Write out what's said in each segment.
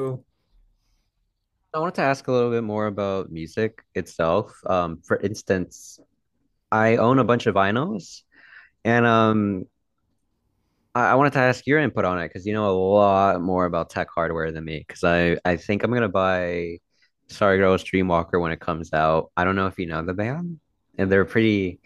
Ooh. I wanted to ask a little bit more about music itself. For instance, I own a bunch of vinyls, and I wanted to ask your input on it because you know a lot more about tech hardware than me. Because I think I'm gonna buy Sorry Girls Dreamwalker when it comes out. I don't know if you know the band, and they're pretty.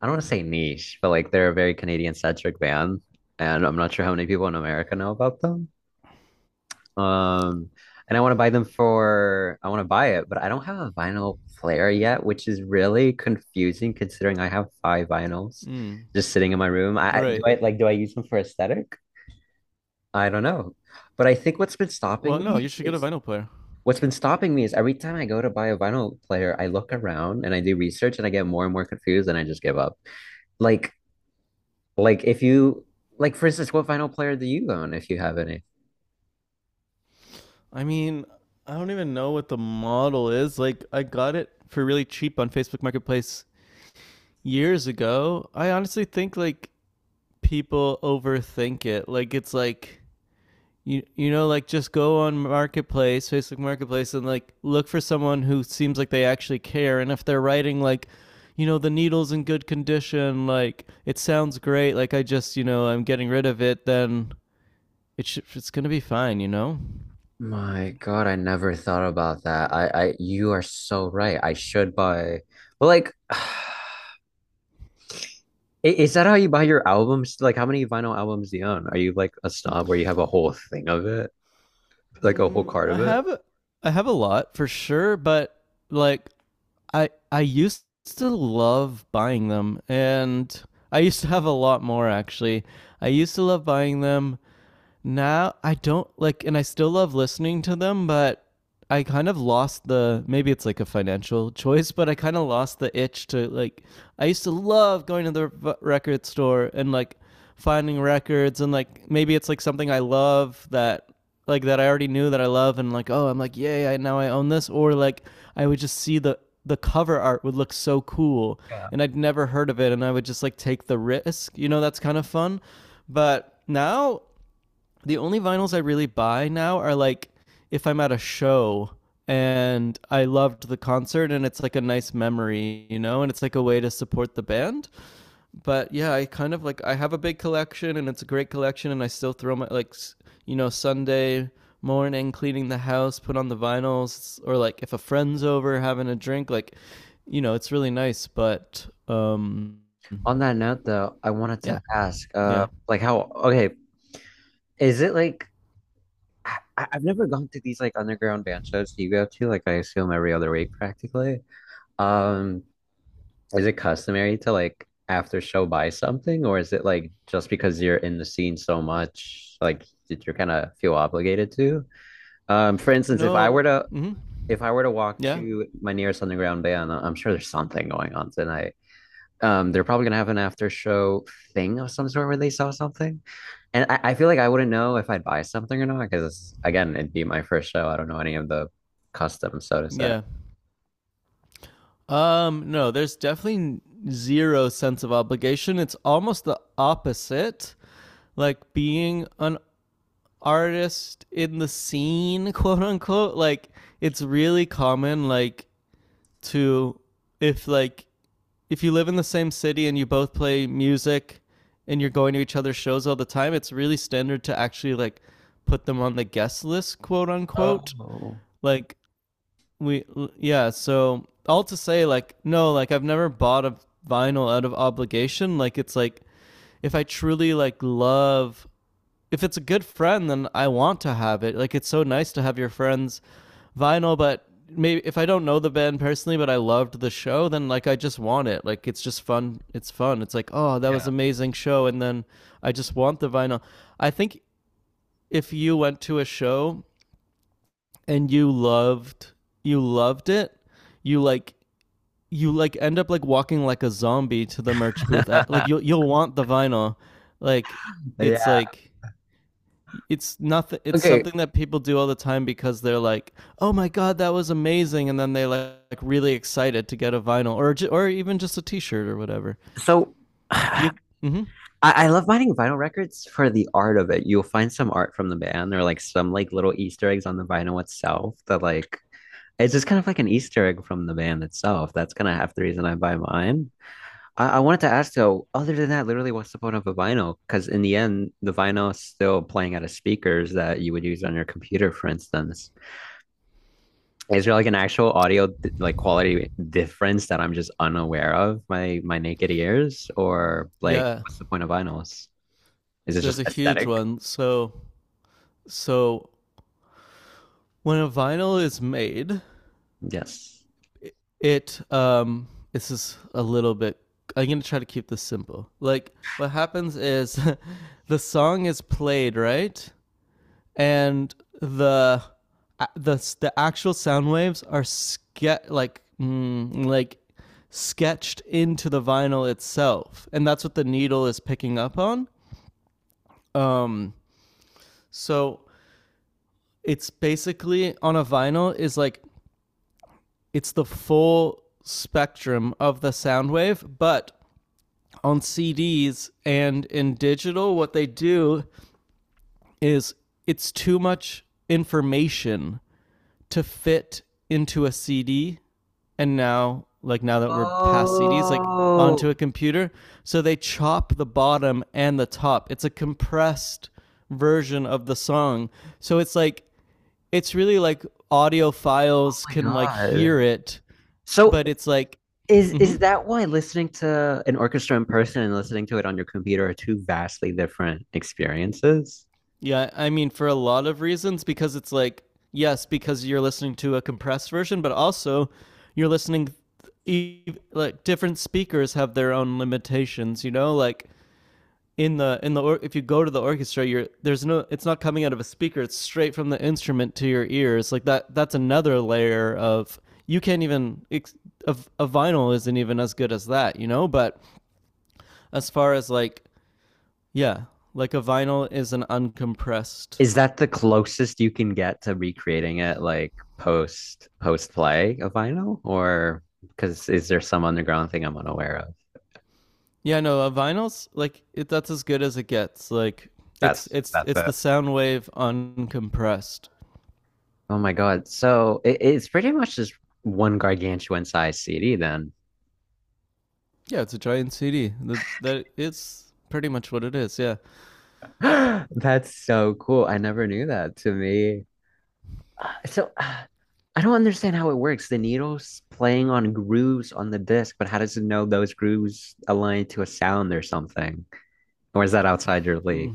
I don't want to say niche, but like they're a very Canadian centric band, and I'm not sure how many people in America know about them. Um, and I want to buy them for, I want to buy it, but I don't have a vinyl player yet, which is really confusing considering I have five vinyls Mm, just sitting in my room. I, I- do right. I like, do I use them for aesthetic? I don't know. But I think what's been Well, stopping no, you me should get a is vinyl player. what's been stopping me is every time I go to buy a vinyl player, I look around and I do research and I get more and more confused and I just give up. Like, like if you, like for instance, what vinyl player do you own if you have any? I mean, I don't even know what the model is. Like, I got it for really cheap on Facebook Marketplace years ago. I honestly think like people overthink it. Like, it's like like just go on Marketplace, Facebook Marketplace, and like look for someone who seems like they actually care. And if they're writing like the needle's in good condition like it sounds great like I just I'm getting rid of it then it's gonna be fine. My God, I never thought about that. You are so right. I should buy, well, like, is that how you buy your albums? Like, how many vinyl albums do you own? Are you like a snob where you have a whole thing of it, like a whole Mm, card I of it? have I have a lot for sure, but like I used to love buying them, and I used to have a lot more actually. I used to love buying them, now I don't like, and I still love listening to them, but I kind of lost the maybe it's like a financial choice, but I kind of lost the itch to like. I used to love going to the record store and like finding records, and like maybe it's like something I love that like that I already knew that I love, and like oh I'm like yay I now I own this, or like I would just see the cover art would look so cool, Yeah. and I'd never heard of it, and I would just like take the risk, that's kind of fun, but now the only vinyls I really buy now are like if I'm at a show and I loved the concert and it's like a nice memory, and it's like a way to support the band. But yeah, I kind of like I have a big collection and it's a great collection and I still throw my like Sunday morning cleaning the house, put on the vinyls or like if a friend's over having a drink like it's really nice, but On that note, though, I wanted to yeah, ask, yeah. Like, how, okay, is it like, I've never gone to these like underground band shows you go to, like, I assume every other week practically. Um, Is it customary to like after show buy something, or is it like just because you're in the scene so much, like you're kind of feel obligated to? For instance, No. Mhm. if I were to walk Yeah. to my nearest underground band, I'm sure there's something going on tonight. They're probably gonna have an after show thing of some sort where they sell something. And I feel like I wouldn't know if I'd buy something or not, because again, it'd be my first show. I don't know any of the customs, so to say. Yeah. No, there's definitely zero sense of obligation. It's almost the opposite. Like being an artist in the scene, quote unquote, like it's really common like to if like if you live in the same city and you both play music and you're going to each other's shows all the time, it's really standard to actually like put them on the guest list, quote unquote. Oh, Like we yeah so all to say like no like I've never bought a vinyl out of obligation like it's like if I truly like love if it's a good friend then I want to have it like it's so nice to have your friends vinyl but maybe if I don't know the band personally but I loved the show then like I just want it like it's just fun it's like oh that was yeah. an amazing show and then I just want the vinyl I think if you went to a show and you loved it you like you like end up like walking like a zombie to the merch booth. At, like you'll want the vinyl. Like Yeah. like it's nothing. It's Okay. something that people do all the time because they're like, "Oh my god, that was amazing!" and then they like really excited to get a vinyl or even just a T-shirt or whatever. So You I, mm-hmm. I love finding vinyl records for the art of it. You'll find some art from the band or like some like little Easter eggs on the vinyl itself that like it's just kind of like an Easter egg from the band itself. That's kind of half the reason I buy mine. I wanted to ask though, other than that, literally what's the point of a vinyl? Because in the end, the vinyl is still playing out of speakers that you would use on your computer, for instance. Is there like an actual audio like quality difference that I'm just unaware of my naked ears or like Yeah. what's the point of vinyls? Is it There's just a huge aesthetic? one. So when a vinyl is made Yes. it this is a little bit I'm gonna try to keep this simple like what happens is the song is played right and the the the actual sound waves are like sketched into the vinyl itself and that's what the needle is picking up on um so it's basically on a vinyl is like it's the full spectrum of the sound wave but on CDs and in digital, what they do is it's too much information to fit into a CD. And now, like now that we're past CDs, like Oh, onto a oh computer. So they chop the bottom and the top. It's a compressed version of the song. So it's like, it's really like audiophiles my can like God. hear it, So but it's like, is mm-hmm. that why listening to an orchestra in person and listening to it on your computer are two vastly different experiences? Yeah, I mean, for a lot of reasons, because it's like, yes, because you're listening to a compressed version, but also you're listening, e- like, different speakers have their own limitations, you know? Like, in the if you go to the orchestra you're there's no it's not coming out of a speaker it's straight from the instrument to your ears like that's another layer of you can't even a vinyl isn't even as good as that but as far as like yeah like a vinyl is an uncompressed Is that the closest you can get to recreating it like post play of vinyl? Or because is there some underground thing I'm unaware of? Yeah, no, vinyls like it, that's as good as it gets. Like it's it's That's it's the it. sound wave uncompressed. Oh my God. So it's pretty much just one gargantuan size CD then. Yeah, it's a giant CD. That it's pretty much what it is. Yeah. That's so cool. I never knew that to me. So I don't understand how it works. The needle's playing on grooves on the disc, but how does it know those grooves align to a sound or something? Or is that outside your league? Mm.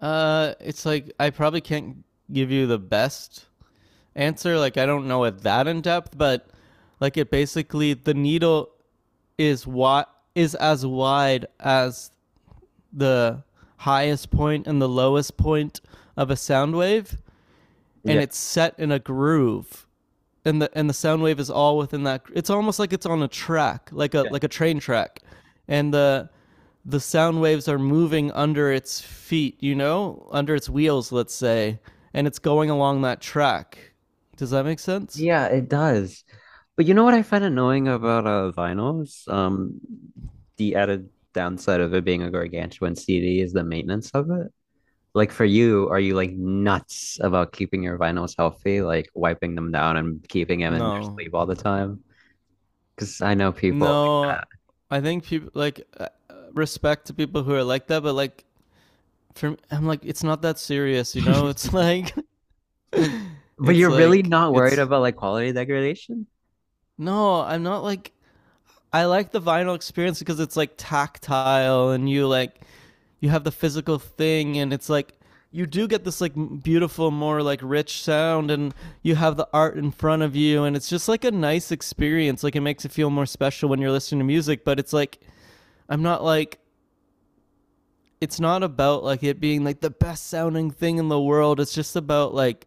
It's like I probably can't give you the best answer. Like I don't know it that in depth, but like it basically the needle is what is as wide as the highest point and the lowest point of a sound wave, Yeah. and it's set in a groove and the sound wave is all within that. It's almost like it's on a track, like a train track, and the sound waves are moving under its feet, under its wheels, let's say, and it's going along that track. Does that make sense? Yeah, it does. But you know what I find annoying about vinyls? The added downside of it being a gargantuan CD is the maintenance of it. Like for you, are you like nuts about keeping your vinyls healthy, like wiping them down and keeping them in their No, sleeve all the time? Because I know people no. like I think people like respect to people who are like that, but like for me, I'm like it's not that serious. that. It's like But it's you're really like not worried it's about like quality degradation? no, I'm not like I like the vinyl experience because it's like tactile and you like you have the physical thing and it's like you do get this like beautiful more like rich sound and you have the art in front of you and it's just like a nice experience like it makes it feel more special when you're listening to music but it's like I'm not like it's not about like it being like the best sounding thing in the world it's just about like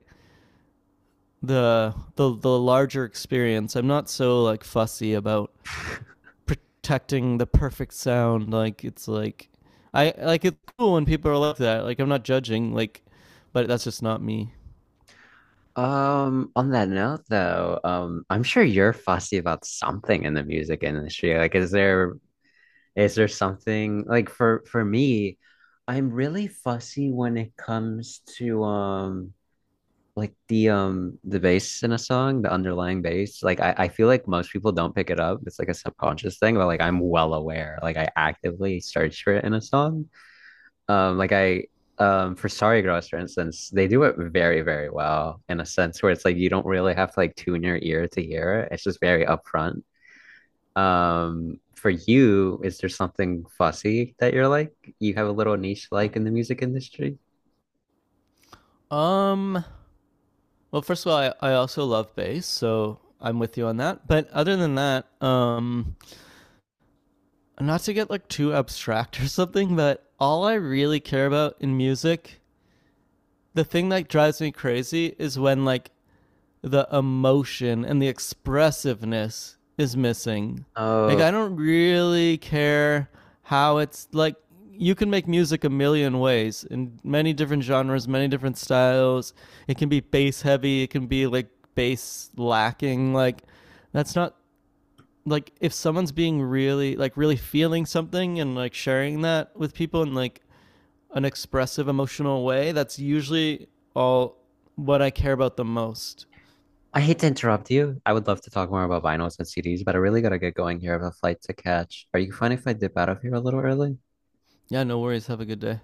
the the larger experience. I'm not so like fussy about protecting the perfect sound. Like it's like I like it's cool when people are like that. Like I'm not judging. Like, but that's just not me. On that note though, I'm sure you're fussy about something in the music industry. Like, Is there something like for me, I'm really fussy when it comes to like the bass in a song, the underlying bass. Like I feel like most people don't pick it up. It's like a subconscious thing, but like I'm well aware. Like I actively search for it in a song. Like I for Sorry Girls, for instance, they do it very, very well in a sense where it's like you don't really have to like tune your ear to hear it. It's just very upfront. For you, is there something fussy that you're like? You have a little niche like in the music industry? Um. Well, first of all, I also love bass, so I'm with you on that. But other than that, not to get like too abstract or something, but all I really care about in music, the thing that drives me crazy is when like the emotion and the expressiveness is missing. Like Oh, I don't really care how it's like you can make music a million ways in many different genres, many different styles. It can be bass heavy, it can be like bass lacking. Like that's not like if someone's being really like really feeling something and like sharing that with people in like an expressive emotional way, that's usually all what I care about the most. I hate to interrupt you. I would love to talk more about vinyls and CDs, but I really gotta get going here. I have a flight to catch. Are you fine if I dip out of here a little early? Yeah, no worries. Have a good day.